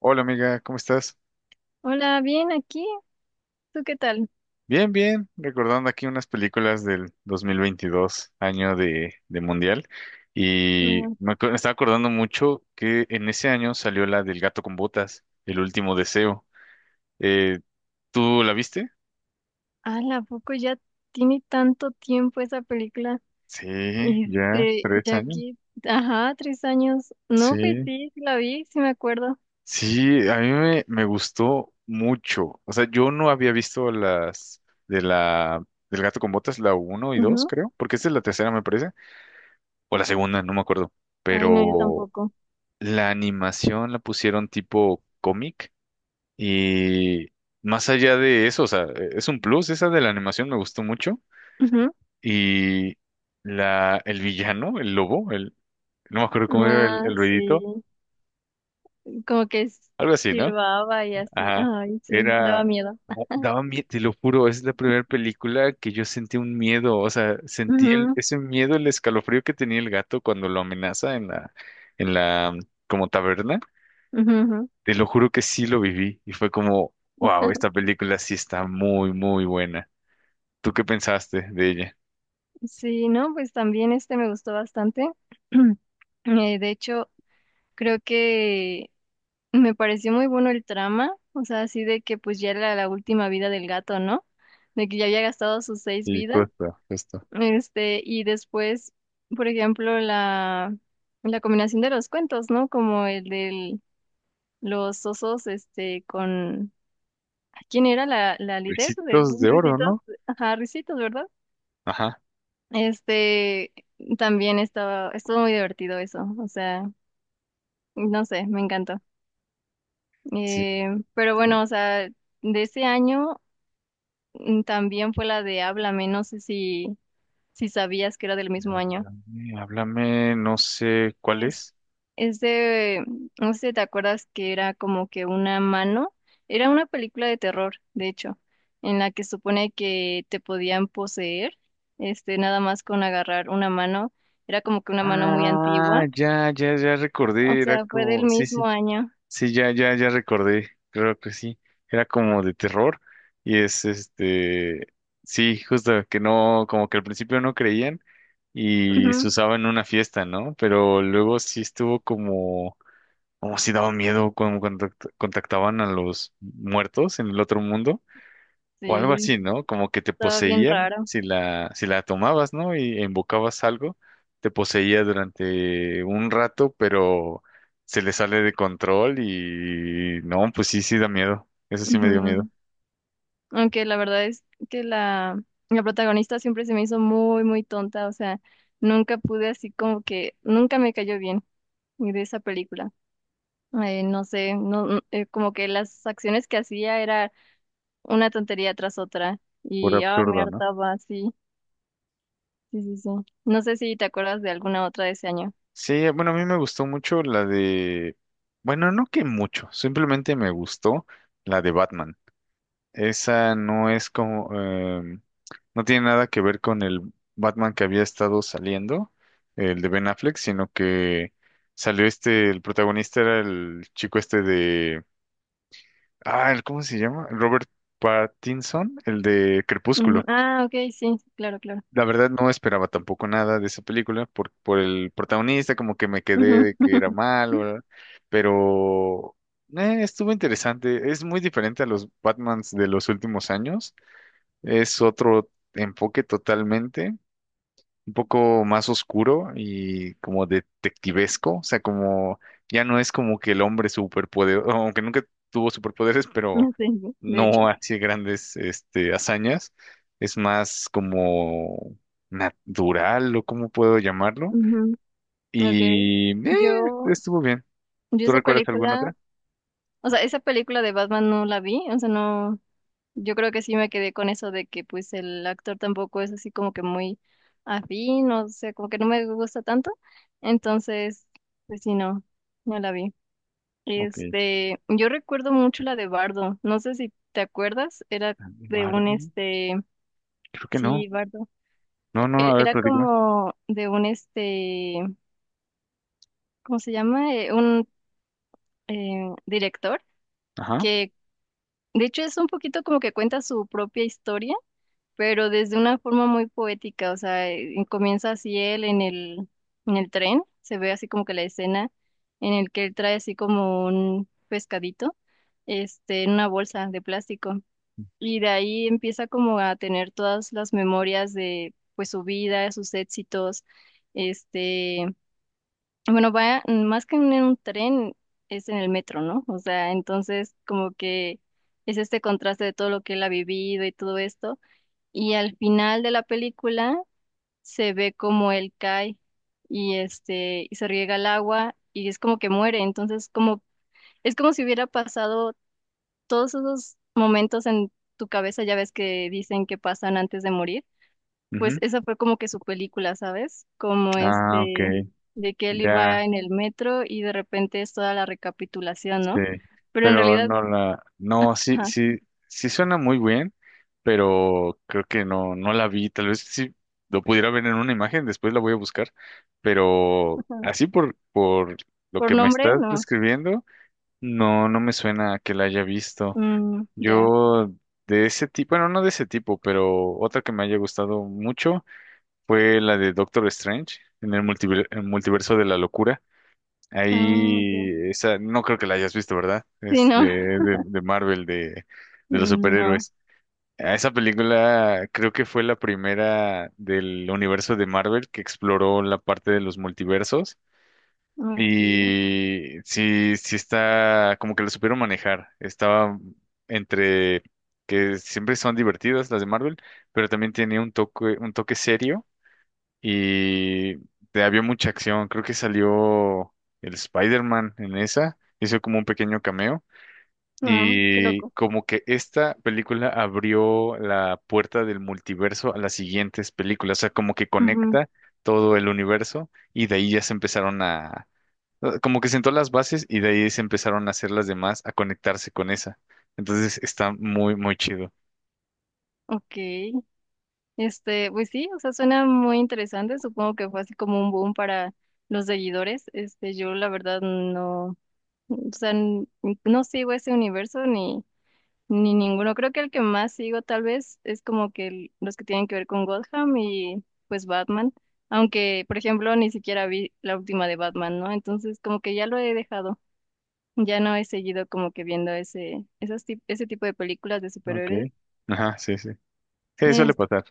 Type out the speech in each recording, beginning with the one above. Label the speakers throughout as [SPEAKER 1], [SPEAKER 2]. [SPEAKER 1] Hola amiga, ¿cómo estás?
[SPEAKER 2] Hola, bien aquí. ¿Tú qué tal?
[SPEAKER 1] Bien, bien, recordando aquí unas películas del 2022, año de Mundial, y
[SPEAKER 2] Mm,
[SPEAKER 1] me estaba acordando mucho que en ese año salió la del gato con botas, El último deseo. Eh, ¿Tú la viste?
[SPEAKER 2] ala, ¿a poco ya tiene tanto tiempo esa película?
[SPEAKER 1] Sí, ya,
[SPEAKER 2] Este,
[SPEAKER 1] tres
[SPEAKER 2] ya
[SPEAKER 1] años.
[SPEAKER 2] aquí, ajá, 3 años. No, pues
[SPEAKER 1] Sí,
[SPEAKER 2] sí, sí la vi, sí me acuerdo.
[SPEAKER 1] sí, a mí me gustó mucho. O sea, yo no había visto las de la del gato con botas, la uno y 2,
[SPEAKER 2] Ujú.
[SPEAKER 1] creo, porque esta es la tercera, me parece, o la segunda, no me acuerdo.
[SPEAKER 2] Ay, no, yo
[SPEAKER 1] Pero
[SPEAKER 2] tampoco.
[SPEAKER 1] la animación la pusieron tipo cómic y más allá de eso, o sea, es un plus, esa de la animación me gustó mucho
[SPEAKER 2] Ujú.
[SPEAKER 1] y el villano, no me acuerdo cómo era
[SPEAKER 2] Ah,
[SPEAKER 1] el ruidito,
[SPEAKER 2] sí, como que
[SPEAKER 1] algo así, ¿no?
[SPEAKER 2] silbaba y así.
[SPEAKER 1] Ajá,
[SPEAKER 2] Ay, sí, daba
[SPEAKER 1] era,
[SPEAKER 2] miedo.
[SPEAKER 1] oh, daba miedo, te lo juro, es la primera película que yo sentí un miedo, o sea, sentí
[SPEAKER 2] Ujú,
[SPEAKER 1] ese miedo, el escalofrío que tenía el gato cuando lo amenaza en la, como taberna.
[SPEAKER 2] ujú, ujú.
[SPEAKER 1] Te lo juro que sí lo viví y fue como, wow, esta película sí está muy, muy buena. ¿Tú qué pensaste de ella?
[SPEAKER 2] Sí, no, pues también este me gustó bastante. De hecho, creo que me pareció muy bueno el trama, o sea, así de que pues ya era la última vida del gato, ¿no? De que ya había gastado sus seis
[SPEAKER 1] Sí,
[SPEAKER 2] vidas,
[SPEAKER 1] justo, justo.
[SPEAKER 2] este, y después, por ejemplo, la combinación de los cuentos, ¿no? Como el de los osos, este, con, ¿quién era la líder de
[SPEAKER 1] Ricitos de oro,
[SPEAKER 2] Risitos?
[SPEAKER 1] ¿no?
[SPEAKER 2] Ajá, Risitos, ¿verdad?
[SPEAKER 1] Ajá.
[SPEAKER 2] Este, también estaba, estuvo muy divertido eso, o sea, no sé, me encantó.
[SPEAKER 1] Sí,
[SPEAKER 2] Eh, pero
[SPEAKER 1] sí.
[SPEAKER 2] bueno, o sea, de ese año. También fue la de Háblame, no sé si sabías que era del mismo año.
[SPEAKER 1] Háblame, háblame, no sé cuál
[SPEAKER 2] Es,
[SPEAKER 1] es.
[SPEAKER 2] es de, no sé si te acuerdas que era como que una mano, era una película de terror, de hecho, en la que supone que te podían poseer, este, nada más con agarrar una mano, era como que una mano muy
[SPEAKER 1] Ah,
[SPEAKER 2] antigua,
[SPEAKER 1] ya, ya, ya
[SPEAKER 2] o
[SPEAKER 1] recordé, era
[SPEAKER 2] sea, fue del
[SPEAKER 1] como, sí,
[SPEAKER 2] mismo
[SPEAKER 1] sí,
[SPEAKER 2] año.
[SPEAKER 1] sí, ya, ya, ya recordé, creo que sí. Era como de terror y es este, sí, justo que no, como que al principio no creían y se
[SPEAKER 2] Ujú.
[SPEAKER 1] usaba en una fiesta, ¿no? Pero luego sí estuvo como, como si daba miedo como cuando contactaban a los muertos en el otro mundo o algo
[SPEAKER 2] Sí,
[SPEAKER 1] así, ¿no? Como que te
[SPEAKER 2] estaba bien
[SPEAKER 1] poseían
[SPEAKER 2] raro.
[SPEAKER 1] si la tomabas, ¿no? Y invocabas algo, te poseía durante un rato, pero se le sale de control y no, pues sí, sí da miedo. Eso sí me dio miedo.
[SPEAKER 2] Ujú. Aunque la verdad es que la protagonista siempre se me hizo muy, muy tonta, o sea, nunca pude así como que, nunca me cayó bien de esa película. No sé, no, no, como que las acciones que hacía era una tontería tras otra
[SPEAKER 1] Puro
[SPEAKER 2] y ah, me
[SPEAKER 1] absurdo, ¿no?
[SPEAKER 2] hartaba, sí, sí, sí, sí. No sé si te acuerdas de alguna otra de ese año.
[SPEAKER 1] Sí, bueno, a mí me gustó mucho bueno, no que mucho, simplemente me gustó la de Batman. Esa no es como, no tiene nada que ver con el Batman que había estado saliendo, el de Ben Affleck, sino que salió este, el protagonista era el chico este de, ah, ¿cómo se llama? Robert Pattinson, el de
[SPEAKER 2] Ujú,
[SPEAKER 1] Crepúsculo.
[SPEAKER 2] ah, ok, sí, claro, claro.
[SPEAKER 1] La verdad no esperaba tampoco nada de esa película por el protagonista, como que me quedé
[SPEAKER 2] Ujú.
[SPEAKER 1] de que era malo, ¿verdad? Pero estuvo interesante. Es muy diferente a los Batmans de los últimos años, es otro enfoque totalmente, un poco más oscuro y como detectivesco, o sea, como ya no es como que el hombre superpoderoso, aunque nunca tuvo superpoderes, pero
[SPEAKER 2] Sí, de hecho.
[SPEAKER 1] no hacía grandes hazañas, es más como natural o cómo puedo llamarlo,
[SPEAKER 2] Ujú, ok.
[SPEAKER 1] y
[SPEAKER 2] Yo,
[SPEAKER 1] estuvo bien.
[SPEAKER 2] yo
[SPEAKER 1] ¿Tú
[SPEAKER 2] esa
[SPEAKER 1] recuerdas alguna
[SPEAKER 2] película...
[SPEAKER 1] otra?
[SPEAKER 2] O sea, esa película de Batman no la vi, o sea, no, yo creo que sí me quedé con eso de que pues el actor tampoco es así como que muy afín, o sea, como que no me gusta tanto, entonces, pues sí, no, no la vi.
[SPEAKER 1] Ok.
[SPEAKER 2] Este, yo recuerdo mucho la de Bardo, no sé si te acuerdas, era de
[SPEAKER 1] Eduardo,
[SPEAKER 2] un este,
[SPEAKER 1] creo que
[SPEAKER 2] sí,
[SPEAKER 1] no.
[SPEAKER 2] Bardo,
[SPEAKER 1] No, no, a ver,
[SPEAKER 2] era
[SPEAKER 1] platícame.
[SPEAKER 2] como de un este, ¿cómo se llama? Un director
[SPEAKER 1] Ajá.
[SPEAKER 2] que... De hecho, es un poquito como que cuenta su propia historia pero desde una forma muy poética, o sea, comienza así él en el tren, se ve así como que la escena en el que él trae así como un pescadito, este, en una bolsa de plástico, y de ahí empieza como a tener todas las memorias de, pues, su vida, sus éxitos, este, bueno, va más que en un tren, es en el metro, ¿no? O sea, entonces como que es este contraste de todo lo que él ha vivido y todo esto y al final de la película se ve como él cae y este y se riega el agua y es como que muere. Entonces, como es como si hubiera pasado todos esos momentos en tu cabeza, ya ves que dicen que pasan antes de morir. Pues
[SPEAKER 1] Ujú.
[SPEAKER 2] esa fue como que su película, ¿sabes? Como
[SPEAKER 1] Ah, ok.
[SPEAKER 2] este de que él
[SPEAKER 1] Ya.
[SPEAKER 2] iba en el metro y de repente es toda la recapitulación,
[SPEAKER 1] Sí,
[SPEAKER 2] ¿no? Pero en
[SPEAKER 1] pero
[SPEAKER 2] realidad,
[SPEAKER 1] no la, no, sí,
[SPEAKER 2] ajá,
[SPEAKER 1] sí, sí suena muy bien, pero creo que no, no la vi. Tal vez sí lo pudiera ver en una imagen, después la voy a buscar, pero
[SPEAKER 2] ajá,
[SPEAKER 1] así por lo
[SPEAKER 2] por
[SPEAKER 1] que me
[SPEAKER 2] nombre,
[SPEAKER 1] estás
[SPEAKER 2] no.
[SPEAKER 1] describiendo, no, no me suena a que la haya visto.
[SPEAKER 2] Mm, ya.
[SPEAKER 1] Yo de ese tipo, bueno, no de ese tipo, pero otra que me haya gustado mucho fue la de Doctor Strange en el el multiverso de la locura.
[SPEAKER 2] Ah,
[SPEAKER 1] Ahí,
[SPEAKER 2] ok.
[SPEAKER 1] esa, no creo que la hayas visto, ¿verdad?
[SPEAKER 2] Sí,
[SPEAKER 1] Es
[SPEAKER 2] no.
[SPEAKER 1] de, de, de Marvel, de los
[SPEAKER 2] Mm, no.
[SPEAKER 1] superhéroes. Ah, esa película creo que fue la primera del universo de Marvel que exploró la parte de los multiversos.
[SPEAKER 2] Okay,
[SPEAKER 1] Y sí, sí está, como que lo supieron manejar. Estaba entre que siempre son divertidas las de Marvel, pero también tiene un toque serio y había mucha acción. Creo que salió el Spider-Man en esa, hizo como un pequeño cameo
[SPEAKER 2] qué
[SPEAKER 1] y
[SPEAKER 2] loco.
[SPEAKER 1] como que esta película abrió la puerta del multiverso a las siguientes películas, o sea, como que
[SPEAKER 2] Ujú.
[SPEAKER 1] conecta todo el universo y de ahí ya se empezaron a, como que sentó las bases y de ahí se empezaron a hacer las demás a conectarse con esa. Entonces está muy, muy chido.
[SPEAKER 2] Okay, este, pues sí, o sea, suena muy interesante. Supongo que fue así como un boom para los seguidores. Este, yo la verdad no, o sea, no sigo ese universo ni ninguno. Creo que el que más sigo tal vez es como que los que tienen que ver con Gotham y pues Batman. Aunque, por ejemplo, ni siquiera vi la última de Batman, ¿no? Entonces, como que ya lo he dejado. Ya no he seguido como que viendo ese tipo de películas de
[SPEAKER 1] Ok.
[SPEAKER 2] superhéroes.
[SPEAKER 1] Ajá, sí, sí. Sí,
[SPEAKER 2] Eh,
[SPEAKER 1] suele pasar.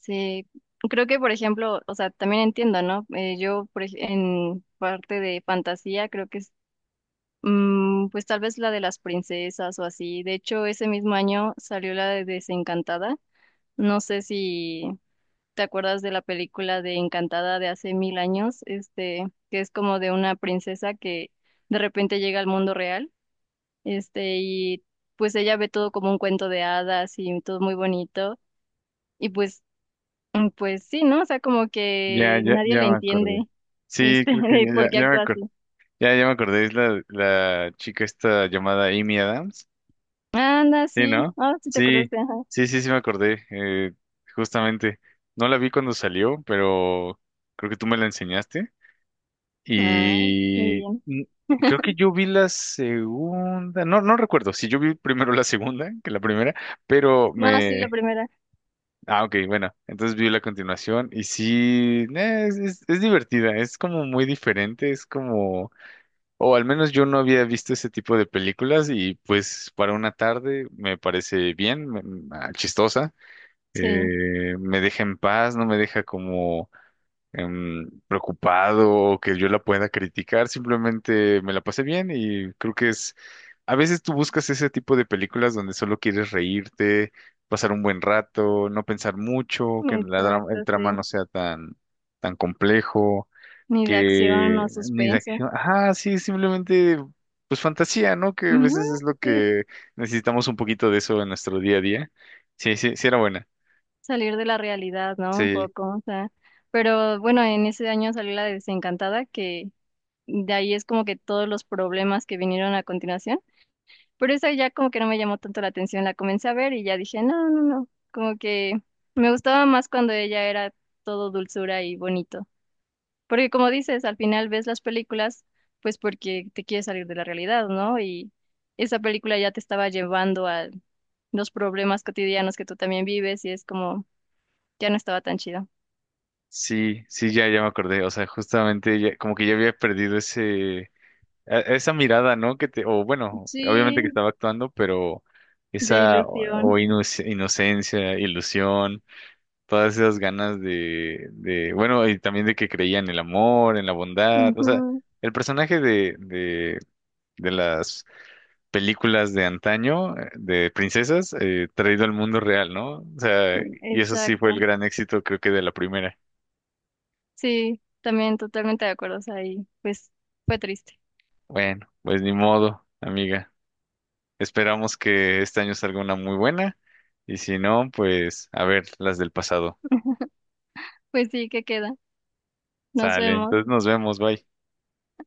[SPEAKER 2] sí, creo que por ejemplo, o sea, también entiendo, ¿no? Yo en parte de fantasía creo que es, pues tal vez la de las princesas o así. De hecho, ese mismo año salió la de Desencantada. No sé si te acuerdas de la película de Encantada de hace mil años, este, que es como de una princesa que de repente llega al mundo real, este, y pues ella ve todo como un cuento de hadas y todo muy bonito. Y pues. Pues sí, ¿no? O sea, como
[SPEAKER 1] Ya,
[SPEAKER 2] que
[SPEAKER 1] ya,
[SPEAKER 2] nadie le
[SPEAKER 1] ya me
[SPEAKER 2] entiende,
[SPEAKER 1] acordé. Sí,
[SPEAKER 2] este,
[SPEAKER 1] creo que
[SPEAKER 2] de
[SPEAKER 1] ya,
[SPEAKER 2] por
[SPEAKER 1] ya,
[SPEAKER 2] qué
[SPEAKER 1] ya me
[SPEAKER 2] actúa
[SPEAKER 1] acordé.
[SPEAKER 2] así.
[SPEAKER 1] Ya, ya me acordé. Es la chica esta llamada Amy Adams.
[SPEAKER 2] Anda,
[SPEAKER 1] Sí,
[SPEAKER 2] sí.
[SPEAKER 1] ¿no?
[SPEAKER 2] Ah, sí te
[SPEAKER 1] Sí,
[SPEAKER 2] acordaste, ajá.
[SPEAKER 1] sí, sí, sí me acordé. Justamente. No la vi cuando salió, pero creo que tú me la enseñaste.
[SPEAKER 2] Ah, muy
[SPEAKER 1] Y
[SPEAKER 2] bien.
[SPEAKER 1] creo que yo vi la segunda. No, no recuerdo si yo vi primero la segunda que la primera, pero
[SPEAKER 2] No, sí, la
[SPEAKER 1] me,
[SPEAKER 2] primera.
[SPEAKER 1] ah, ok, bueno, entonces vi la continuación y sí, es divertida, es como muy diferente, es como, o al menos yo no había visto ese tipo de películas y pues para una tarde me parece bien, ah, chistosa,
[SPEAKER 2] Sí,
[SPEAKER 1] me deja en paz, no me deja como preocupado o que yo la pueda criticar, simplemente me la pasé bien y creo que es, a veces tú buscas ese tipo de películas donde solo quieres reírte, pasar un buen rato, no pensar mucho, que
[SPEAKER 2] exacto,
[SPEAKER 1] el trama
[SPEAKER 2] sí.
[SPEAKER 1] no sea tan, tan complejo,
[SPEAKER 2] Ni de acción o
[SPEAKER 1] que ni de
[SPEAKER 2] suspenso.
[SPEAKER 1] acción, ah, sí, simplemente pues fantasía, ¿no? Que a
[SPEAKER 2] Ujú,
[SPEAKER 1] veces es lo
[SPEAKER 2] sí.
[SPEAKER 1] que necesitamos un poquito de eso en nuestro día a día. Sí, sí, sí era buena.
[SPEAKER 2] Salir de la realidad, ¿no? Un
[SPEAKER 1] Sí.
[SPEAKER 2] poco, o sea. Pero bueno, en ese año salió la de Desencantada, que de ahí es como que todos los problemas que vinieron a continuación. Pero esa ya como que no me llamó tanto la atención, la comencé a ver y ya dije, no, no, no, como que me gustaba más cuando ella era todo dulzura y bonito. Porque como dices, al final ves las películas, pues porque te quieres salir de la realidad, ¿no? Y esa película ya te estaba llevando a los problemas cotidianos que tú también vives y es como, ya no estaba tan chido.
[SPEAKER 1] Sí, sí, ya, ya me acordé. O sea, como que ya había perdido ese, esa mirada, ¿no? Que te, o bueno, obviamente
[SPEAKER 2] Sí,
[SPEAKER 1] que estaba actuando, pero
[SPEAKER 2] de
[SPEAKER 1] esa o,
[SPEAKER 2] ilusión.
[SPEAKER 1] inocencia, ilusión, todas esas ganas de bueno, y también de que creía en el amor, en la bondad. O sea,
[SPEAKER 2] Ujú,
[SPEAKER 1] el personaje de las películas de antaño, de princesas, traído al mundo real, ¿no? O sea, y eso sí fue el
[SPEAKER 2] exacto.
[SPEAKER 1] gran éxito, creo que de la primera.
[SPEAKER 2] Sí, también totalmente de acuerdo, o sea, y pues fue triste.
[SPEAKER 1] Bueno, pues ni modo, amiga. Esperamos que este año salga una muy buena y si no, pues a ver las del pasado.
[SPEAKER 2] Pues sí, ¿qué queda? Nos
[SPEAKER 1] Sale,
[SPEAKER 2] vemos.
[SPEAKER 1] entonces nos vemos, bye.